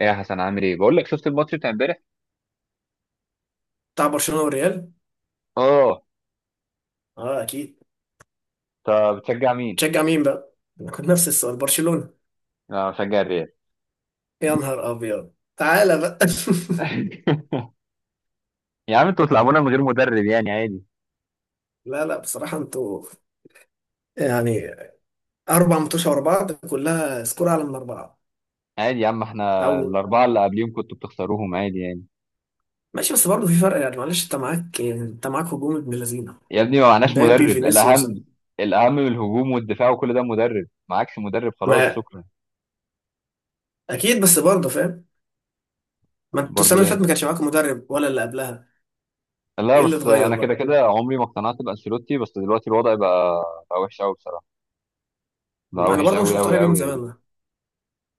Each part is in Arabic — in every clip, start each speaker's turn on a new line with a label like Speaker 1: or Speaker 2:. Speaker 1: ايه يا حسن، عامل ايه؟ بقول لك، شفت الماتش بتاع امبارح؟
Speaker 2: بتاع برشلونة والريال.
Speaker 1: اه.
Speaker 2: اه، اكيد.
Speaker 1: طب بتشجع مين؟
Speaker 2: تشجع مين بقى، انا كنت نفس السؤال. برشلونة.
Speaker 1: انا بشجع الريال.
Speaker 2: يا نهار ابيض، تعالى بقى.
Speaker 1: يا عم انتوا بتلعبونا من غير مدرب يعني عادي.
Speaker 2: لا لا، بصراحة انتوا يعني اربع ماتشات ورا بعض كلها سكور اعلى من اربعة.
Speaker 1: عادي يا عم،
Speaker 2: او
Speaker 1: احنا الاربعه اللي قبليهم كنتوا بتخسروهم عادي يعني.
Speaker 2: ماشي، بس برضه في فرق يعني، معلش انت معاك يعني، انت معاك هجوم ابن لذينه.
Speaker 1: يا ابني ما معناش
Speaker 2: مبابي
Speaker 1: مدرب،
Speaker 2: فينيسيوس.
Speaker 1: الاهم الاهم من الهجوم والدفاع وكل ده مدرب، معكش مدرب خلاص
Speaker 2: ما
Speaker 1: شكرا.
Speaker 2: اكيد بس برضه فاهم، ما انتوا السنة
Speaker 1: برضو
Speaker 2: اللي
Speaker 1: ايه؟
Speaker 2: فاتت ما كانش معاكم مدرب ولا اللي قبلها.
Speaker 1: لا
Speaker 2: ايه اللي
Speaker 1: بس
Speaker 2: اتغير
Speaker 1: انا كده
Speaker 2: بقى.
Speaker 1: كده عمري ما اقتنعت بانشيلوتي، بس دلوقتي الوضع بقى، بقى وحش قوي بصراحه، بقى
Speaker 2: انا
Speaker 1: وحش
Speaker 2: برضه مش
Speaker 1: قوي
Speaker 2: مقتنع
Speaker 1: قوي
Speaker 2: بيه من
Speaker 1: قوي
Speaker 2: زمان
Speaker 1: يعني.
Speaker 2: ده،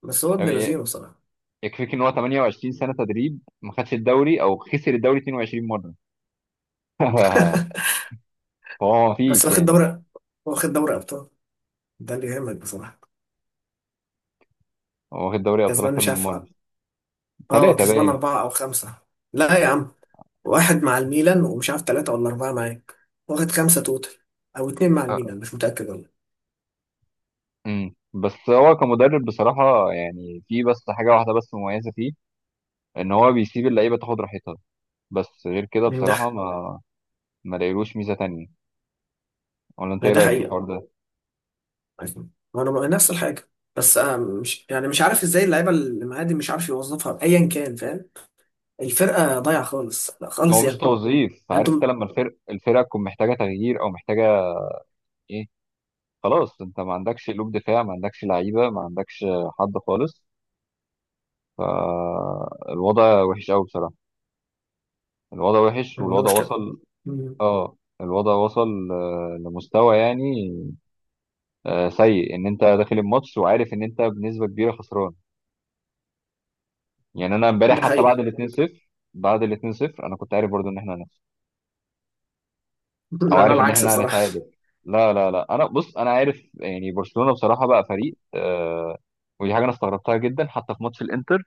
Speaker 2: بس هو ابن
Speaker 1: يعني
Speaker 2: لذينه بصراحة.
Speaker 1: يكفيك ان هو 28 سنه تدريب ما خدش الدوري او خسر الدوري 22 مره. هو ما
Speaker 2: بس
Speaker 1: فيش
Speaker 2: واخد
Speaker 1: يعني.
Speaker 2: دوري، واخد دوري ابطال، ده اللي يهمك بصراحة.
Speaker 1: هو واخد دوري ابطال
Speaker 2: كسبان
Speaker 1: اكتر
Speaker 2: مش
Speaker 1: من
Speaker 2: عارف.
Speaker 1: مره،
Speaker 2: اه،
Speaker 1: ثلاثه
Speaker 2: كسبان
Speaker 1: باين.
Speaker 2: أربعة أو خمسة. لا يا عم، واحد مع الميلان ومش عارف تلاتة ولا أربعة معاك. واخد خمسة توتال، أو اتنين مع
Speaker 1: آه.
Speaker 2: الميلان، مش متأكد والله.
Speaker 1: بس هو كمدرب بصراحه يعني في بس حاجه واحده بس مميزه فيه، ان هو بيسيب اللعيبه تاخد راحتها. بس غير كده
Speaker 2: ده.
Speaker 1: بصراحه ما لاقيلوش ميزه تانية. ولا انت
Speaker 2: ما
Speaker 1: ايه
Speaker 2: ده
Speaker 1: رايك في
Speaker 2: حقيقة.
Speaker 1: الحوار ده؟
Speaker 2: ما أنا نفس الحاجة. بس أنا مش يعني مش عارف إزاي اللعيبة اللي معايا دي مش عارف يوظفها أيا كان، فاهم. الفرقة ضايعة خالص، لا
Speaker 1: هو
Speaker 2: خالص
Speaker 1: مش
Speaker 2: يعني.
Speaker 1: توظيف، عارف انت
Speaker 2: أنتم
Speaker 1: لما الفرقه تكون محتاجه تغيير او محتاجه ايه، خلاص انت ما عندكش قلوب دفاع، ما عندكش لعيبه، ما عندكش حد خالص، فالوضع وحش قوي بصراحه. الوضع وحش والوضع
Speaker 2: المشكلة.
Speaker 1: وصل،
Speaker 2: أمم،
Speaker 1: اه الوضع وصل لمستوى يعني سيء، ان انت داخل الماتش وعارف ان انت بنسبه كبيره خسران. يعني انا امبارح
Speaker 2: ده
Speaker 1: حتى بعد
Speaker 2: حقيقة.
Speaker 1: ال 2-0، بعد ال 2-0 انا كنت عارف برضو ان احنا هنخسر او
Speaker 2: أنا
Speaker 1: عارف ان
Speaker 2: العكس
Speaker 1: احنا
Speaker 2: بصراحة.
Speaker 1: هنتعادل. لا لا لا، انا بص، انا عارف يعني برشلونه بصراحه بقى فريق ودي حاجه انا استغربتها جدا حتى في ماتش الانتر.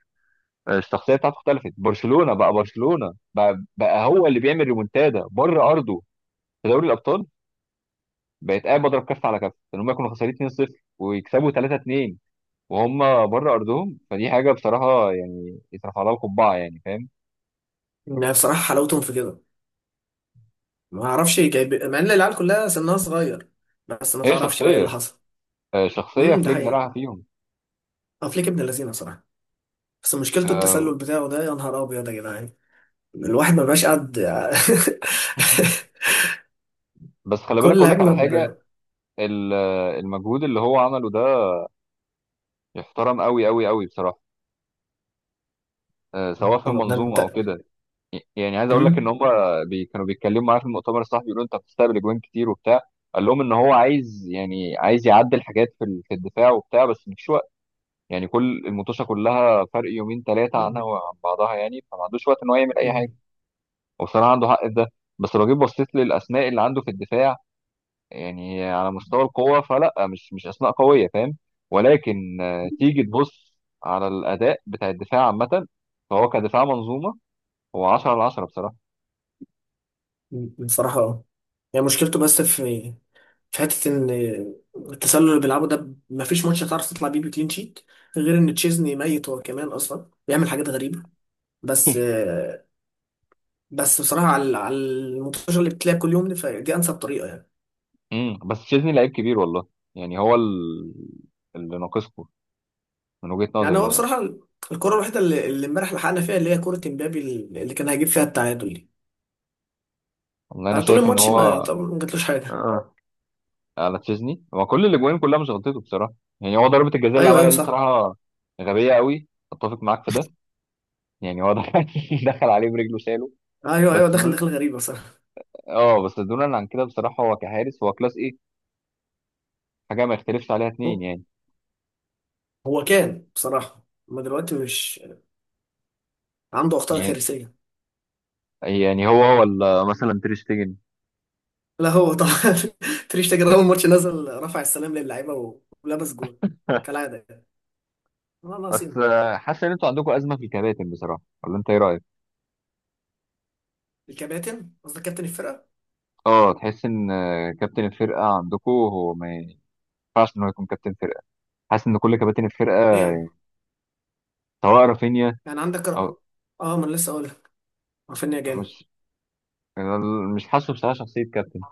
Speaker 1: الشخصيه بتاعته اختلفت، برشلونه بقى, بقى هو اللي بيعمل ريمونتادا بره ارضه في دوري الابطال. بقيت قاعد بضرب كف على كف، ان هم كانوا خسرانين 2-0 ويكسبوا 3-2 وهم بره ارضهم. فدي حاجه بصراحه يعني يترفع لها القبعه يعني، فاهم؟
Speaker 2: يعني بصراحة حلاوتهم في كده. ما اعرفش جايب مع ان العيال كلها سنها صغير، بس ما
Speaker 1: هي
Speaker 2: تعرفش بقى ايه اللي
Speaker 1: شخصيه،
Speaker 2: حصل.
Speaker 1: شخصيه
Speaker 2: ده
Speaker 1: فليك
Speaker 2: حقيقة.
Speaker 1: زرعها فيهم.
Speaker 2: افليك ابن اللذينه بصراحه، بس مشكلته التسلل
Speaker 1: آم،
Speaker 2: بتاعه ده يا نهار ابيض يا جدعان. الواحد ما بقاش قد.
Speaker 1: بس خلي بالك
Speaker 2: كل
Speaker 1: اقول لك
Speaker 2: هجمه
Speaker 1: على
Speaker 2: ب.
Speaker 1: حاجه. المجهود اللي هو عمله ده يحترم قوي قوي قوي بصراحه، سواء في
Speaker 2: طب ده
Speaker 1: المنظومه او
Speaker 2: انت.
Speaker 1: كده. يعني عايز اقول لك ان
Speaker 2: امم
Speaker 1: هم كانوا بيتكلموا معاه في المؤتمر الصحفي بيقولوا انت بتستقبل اجوان كتير وبتاع، قال لهم ان هو عايز عايز يعدل حاجات في الدفاع وبتاع، بس مش يعني كل المطوشه كلها فرق يومين ثلاثه عنها وعن بعضها يعني، فما عندوش وقت ان هو يعمل اي حاجه. وبصراحه عنده حق في ده. بس لو جيت بصيت للاسماء اللي عنده في الدفاع، يعني على مستوى القوه فلا، مش اسماء قويه فاهم؟ ولكن تيجي تبص على الاداء بتاع الدفاع عامه، فهو كدفاع منظومه هو 10 على 10 بصراحه.
Speaker 2: بصراحه اه، يعني مشكلته بس في حته ان التسلل اللي بيلعبه ده ما فيش ماتش هتعرف تطلع بيه بكلين شيت، غير ان تشيزني ميت، هو كمان اصلا بيعمل حاجات غريبه. بس بس بصراحه على الماتشات اللي بتلاقي كل يوم دي، فدي انسب طريقه يعني.
Speaker 1: بس تشيزني لعيب كبير والله. يعني هو اللي ناقصكم، من وجهة
Speaker 2: يعني
Speaker 1: نظري
Speaker 2: هو
Speaker 1: يعني.
Speaker 2: بصراحه الكره الوحيده اللي امبارح لحقنا فيها، اللي هي كره امبابي اللي كان هيجيب فيها التعادل دي.
Speaker 1: والله انا
Speaker 2: أنا طول
Speaker 1: شايف ان
Speaker 2: الماتش ما
Speaker 1: هو،
Speaker 2: يعتبر ما جاتلوش حاجه.
Speaker 1: على تشيزني هو، كل الاجوان كلها مش غلطته بصراحه. يعني هو ضربه الجزاء اللي
Speaker 2: ايوه
Speaker 1: عملها
Speaker 2: ايوه
Speaker 1: دي
Speaker 2: صح.
Speaker 1: بصراحه غبيه قوي، اتفق معاك في ده. يعني هو دخل دخل عليه برجله شاله.
Speaker 2: ايوه ايوه
Speaker 1: بس
Speaker 2: دخل
Speaker 1: دول،
Speaker 2: دخل غريبه صح.
Speaker 1: اه بس دون عن كده بصراحه هو كحارس هو كلاس ايه، حاجه ما يختلفش عليها اتنين
Speaker 2: هو
Speaker 1: يعني.
Speaker 2: هو كان بصراحه، ما دلوقتي مش عنده اخطاء
Speaker 1: يعني
Speaker 2: كارثيه.
Speaker 1: يعني هو ولا مثلا تير شتيجن.
Speaker 2: لا هو طبعا. تريش تاجر اول ماتش نزل رفع السلام للعيبه ولبس جول، كالعاده يعني. والله
Speaker 1: بس
Speaker 2: ناقصين.
Speaker 1: حاسس ان انتوا عندكم ازمه في الكباتن بصراحه، ولا انت ايه رايك؟
Speaker 2: الكباتن قصدك كابتن الفرقه.
Speaker 1: اه تحس ان، كابتن الفرقه عندكم هو ما ينفعش ان هو يكون كابتن فرقه. حاسس ان كل كباتن الفرقه،
Speaker 2: ليه يعني.
Speaker 1: سواء رافينيا
Speaker 2: يعني عندك
Speaker 1: او
Speaker 2: ما انا لسه اقول. رافينيا جامد.
Speaker 1: مش، انا مش حاسه بصراحه شخصيه كابتن،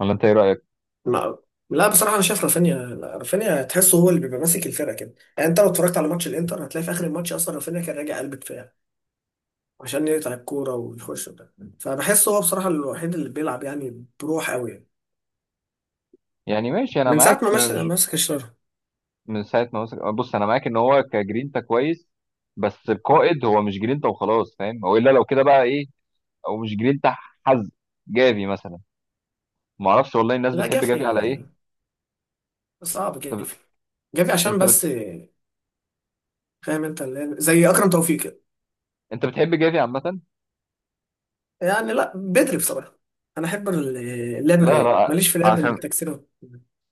Speaker 1: ولا انت ايه رايك؟
Speaker 2: ما لا بصراحه انا شايف رافينيا، لا، رافينيا تحسه هو اللي بيبقى ماسك الفرقه كده يعني، انت لو اتفرجت على ماتش الانتر هتلاقي في اخر الماتش اصلا رافينيا كان راجع قلب دفاع عشان يقطع الكوره ويخش ده، فبحسه هو بصراحه الوحيد اللي بيلعب يعني بروح قوي يعني.
Speaker 1: يعني ماشي انا
Speaker 2: من ساعه
Speaker 1: معاك،
Speaker 2: ما مش ماسك الشر.
Speaker 1: من ساعه ما وصل، بص انا معاك ان هو كجرينتا كويس، بس القائد هو مش جرينتا وخلاص فاهم، هو الا لو كده بقى ايه، او مش جرينتا، حز جافي مثلا. ما اعرفش والله الناس
Speaker 2: لا
Speaker 1: بتحب جافي على
Speaker 2: جافي،
Speaker 1: ايه.
Speaker 2: صعب
Speaker 1: طب
Speaker 2: جافي. جافي عشان
Speaker 1: انت
Speaker 2: بس، فاهم انت زي اكرم توفيق كده.
Speaker 1: انت بتحب جافي عامه؟
Speaker 2: يعني لا بدري بصراحه، انا احب اللعب
Speaker 1: لا
Speaker 2: الرايق،
Speaker 1: لا،
Speaker 2: ماليش في لعب
Speaker 1: عشان،
Speaker 2: التكسير.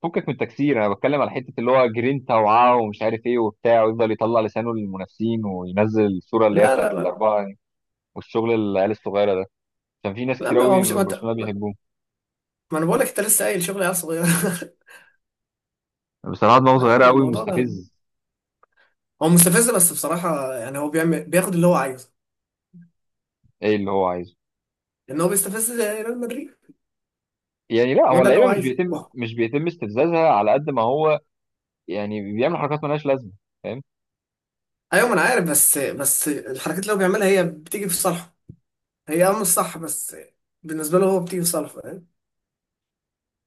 Speaker 1: فكك من التكسير، انا بتكلم على حته اللي هو جرينتا وعاه ومش عارف ايه وبتاع، ويفضل يطلع لسانه للمنافسين وينزل الصوره اللي هي
Speaker 2: لا لا
Speaker 1: بتاعت
Speaker 2: لا
Speaker 1: الاربعه يعني، والشغل العيال الصغيره ده. كان في ناس
Speaker 2: لا،
Speaker 1: كتير
Speaker 2: ما هو
Speaker 1: قوي
Speaker 2: مش،
Speaker 1: من برشلونه بيحبوه،
Speaker 2: ما انا بقول لك انت لسه قايل شغل عيال صغيره.
Speaker 1: بصراحه دماغه
Speaker 2: لا
Speaker 1: صغيره قوي
Speaker 2: الموضوع ده،
Speaker 1: ومستفز.
Speaker 2: هو مستفز بس بصراحه، يعني هو بيعمل بياخد اللي هو عايزه.
Speaker 1: ايه اللي هو عايزه؟
Speaker 2: لان هو بيستفز ريال مدريد.
Speaker 1: يعني لا
Speaker 2: هو
Speaker 1: هو
Speaker 2: ده اللي
Speaker 1: اللعيبه
Speaker 2: هو
Speaker 1: مش
Speaker 2: عايزه،
Speaker 1: بيتم
Speaker 2: واو.
Speaker 1: مش بيتم استفزازها على قد ما هو، يعني بيعمل حركات مالهاش لازمه، فاهم؟
Speaker 2: ايوه ما انا عارف، بس بس الحركات اللي هو بيعملها هي بتيجي في صالحه، هي اه مش صح، بس بالنسبه له هو بتيجي في صالحه فاهم.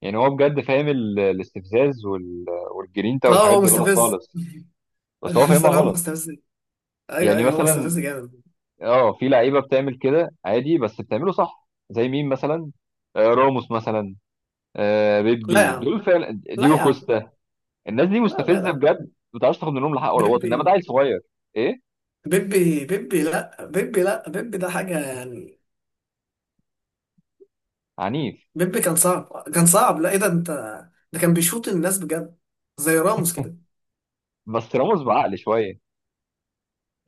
Speaker 1: يعني هو بجد فاهم الاستفزاز والجرينتا
Speaker 2: اه
Speaker 1: والحاجات
Speaker 2: هو
Speaker 1: دي غلط
Speaker 2: مستفز.
Speaker 1: خالص، بس هو فاهمها
Speaker 2: بصراحه هو
Speaker 1: غلط.
Speaker 2: مستفز. ايوه
Speaker 1: يعني
Speaker 2: ايوه هو
Speaker 1: مثلا،
Speaker 2: مستفز جامد.
Speaker 1: اه، في لعيبه بتعمل كده عادي بس بتعمله صح، زي مين مثلا؟ راموس مثلا،
Speaker 2: لا يا
Speaker 1: بيبي،
Speaker 2: عم
Speaker 1: دول فعلا،
Speaker 2: لا
Speaker 1: ديجو
Speaker 2: يا عم.
Speaker 1: كوستا، الناس دي
Speaker 2: لا لا
Speaker 1: مستفزه
Speaker 2: لا.
Speaker 1: بجد، ما بتعرفش تاخد منهم الحق ولا غلط، انما ده
Speaker 2: بيبي
Speaker 1: عيل صغير ايه،
Speaker 2: بيبي بيبي، لا بيبي، لا بيبي ده حاجه يعني.
Speaker 1: عنيف.
Speaker 2: بيبي كان صعب كان صعب، لا ايه ده انت، ده كان بيشوط الناس بجد زي راموس كده.
Speaker 1: بس راموس بعقل شويه.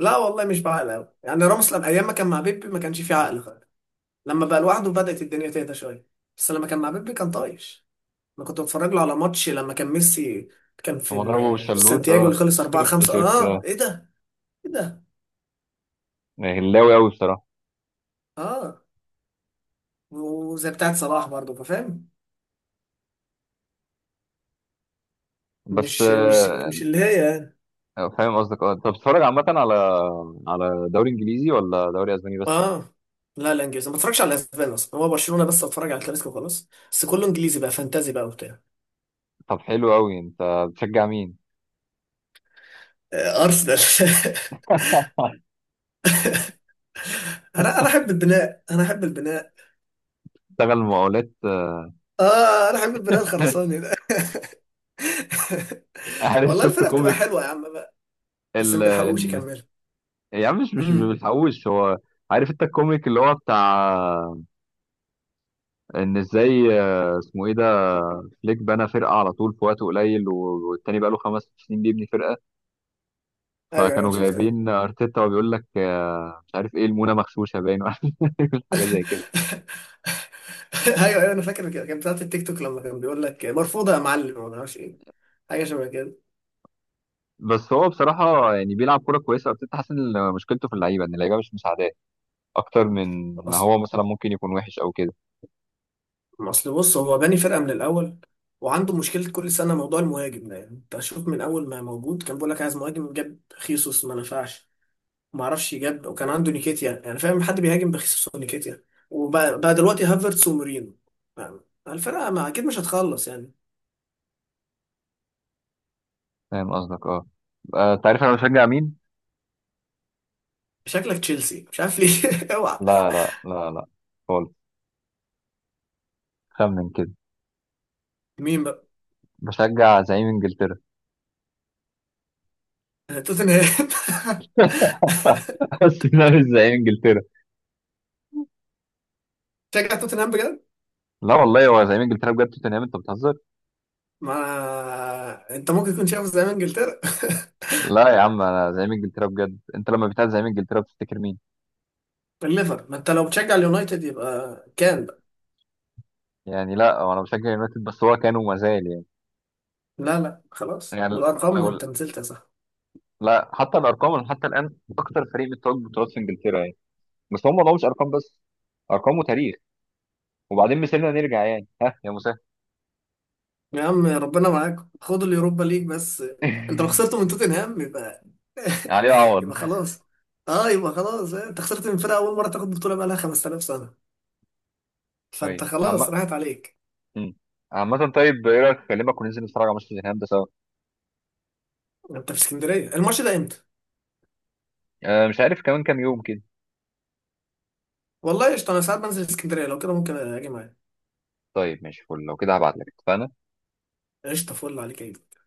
Speaker 2: لا والله مش بعقل قوي يعني، راموس لما ايام ما كان مع بيبي ما كانش فيه عقل خالص، لما بقى لوحده بدأت الدنيا تهدى شويه، بس لما كان مع بيبي كان طايش. انا كنت بتفرج له على ماتش لما كان ميسي، كان في
Speaker 1: لما ضربه
Speaker 2: في
Speaker 1: بالشلوت
Speaker 2: سانتياجو اللي
Speaker 1: اه
Speaker 2: خلص 4
Speaker 1: شفت
Speaker 2: 5
Speaker 1: شفت
Speaker 2: اه
Speaker 1: آه.
Speaker 2: ايه ده. ايه ده
Speaker 1: هلاوي قوي بصراحه.
Speaker 2: اه، وزي بتاعت صلاح برضه، فاهم،
Speaker 1: بس
Speaker 2: مش اللي هي يعني.
Speaker 1: فاهم قصدك، اه. انت بتتفرج عامه على دوري انجليزي ولا دوري اسباني بس؟
Speaker 2: اه لا لا انجليزي، ما بتفرجش على الاسبان اصلا، هو برشلونه بس اتفرج على الكلاسيكو وخلاص، بس كله انجليزي بقى، فانتازي بقى وبتاع.
Speaker 1: طب حلو قوي. انت بتشجع مين؟
Speaker 2: آه، ارسنال. انا احب البناء، انا احب البناء.
Speaker 1: اشتغل مقاولات.
Speaker 2: اه انا احب البناء الخرساني ده.
Speaker 1: عارف
Speaker 2: والله
Speaker 1: شفت
Speaker 2: الفرقه بتبقى
Speaker 1: كوميك
Speaker 2: حلوه يا عم بقى، بس
Speaker 1: ال
Speaker 2: ما بيلحقوش
Speaker 1: إن-
Speaker 2: يكملوا.
Speaker 1: يا عم مش
Speaker 2: امم
Speaker 1: بيتحوش هو. عارف انت الكوميك اللي هو بتاع ان ازاي، اسمه ايه ده، فليك بنى فرقه على طول في وقت قليل والتاني بقى له 5 سنين بيبني فرقه.
Speaker 2: ايوه ايوه
Speaker 1: فكانوا
Speaker 2: شفت.
Speaker 1: جايبين ارتيتا وبيقول لك مش عارف ايه المونه مغشوشه باين ولا حاجه زي كده.
Speaker 2: ايوه ايوه انا فاكر كده، كانت بتاعت التيك توك لما كان بيقول لك مرفوضه يا معلم ما اعرفش ايه، حاجه شبه كده.
Speaker 1: بس هو بصراحه يعني بيلعب كوره كويسه ارتيتا، حاسس ان مشكلته في اللعيبه، ان اللعيبه مش مساعداه اكتر من ما هو مثلا ممكن يكون وحش او كده.
Speaker 2: ما اصل بص هو باني فرقه من الاول، وعنده مشكله كل سنه موضوع المهاجم ده، يعني انت شوف من اول ما موجود كان بيقول لك عايز مهاجم، جاب خيسوس ما نفعش، ما اعرفش جاب وكان عنده نيكيتيا، يعني فاهم حد بيهاجم بخيسوس ونيكيتيا. وبقى دلوقتي هافرتس ومورينو، يعني الفرقه ما اكيد مش هتخلص يعني.
Speaker 1: فاهم قصدك، اه. انت عارف انا بشجع مين؟
Speaker 2: شكلك تشيلسي، مش عارف ليه. اوعى.
Speaker 1: لا لا لا لا، خالص. خمن كده.
Speaker 2: مين بقى.
Speaker 1: بشجع زعيم انجلترا.
Speaker 2: توتنهام.
Speaker 1: بس ده مش زعيم انجلترا.
Speaker 2: شجع توتنهام بجد.
Speaker 1: لا والله هو زعيم انجلترا بجد، توتنهام؟ انت بتهزر؟
Speaker 2: ما انت ممكن تكون شايفه زي ما انجلترا.
Speaker 1: لا يا عم، انا زعيم انجلترا بجد. انت لما بتاع زعيم انجلترا بتفتكر مين؟
Speaker 2: الليفر. ما انت لو بتشجع اليونايتد يبقى كام.
Speaker 1: يعني لا هو، انا بشجع يونايتد، بس هو كان وما زال يعني.
Speaker 2: لا لا خلاص،
Speaker 1: يعني
Speaker 2: بالارقام
Speaker 1: لو،
Speaker 2: انت نزلت يا صاحبي.
Speaker 1: لا حتى الارقام، أنا حتى الان اكتر فريق بتوج بطولات في انجلترا يعني. بس هم، ما مش ارقام بس، ارقام وتاريخ. وبعدين مثلنا نرجع يعني، ها يا مسهل.
Speaker 2: يا عم ربنا معاك، خد اليوروبا ليج بس. انت لو خسرت من توتنهام يبقى.
Speaker 1: عليه عوض.
Speaker 2: يبقى خلاص، اه يبقى خلاص، اه، انت خسرت من فرقه اول مره تاخد بطوله بقى لها 5000 سنه، فانت
Speaker 1: طيب
Speaker 2: خلاص
Speaker 1: عم...
Speaker 2: راحت عليك.
Speaker 1: مم. عامة، طيب ايه رايك اكلمك وننزل نتفرج على ماتش توتنهام ده سوا؟
Speaker 2: انت في اسكندريه الماتش ده امتى.
Speaker 1: آه مش عارف، كمان كام يوم كده.
Speaker 2: والله قشطه، انا ساعات بنزل اسكندريه، لو كده ممكن اجي معاك.
Speaker 1: طيب ماشي فل، لو كده هبعت لك، اتفقنا.
Speaker 2: قشطه، فل عليك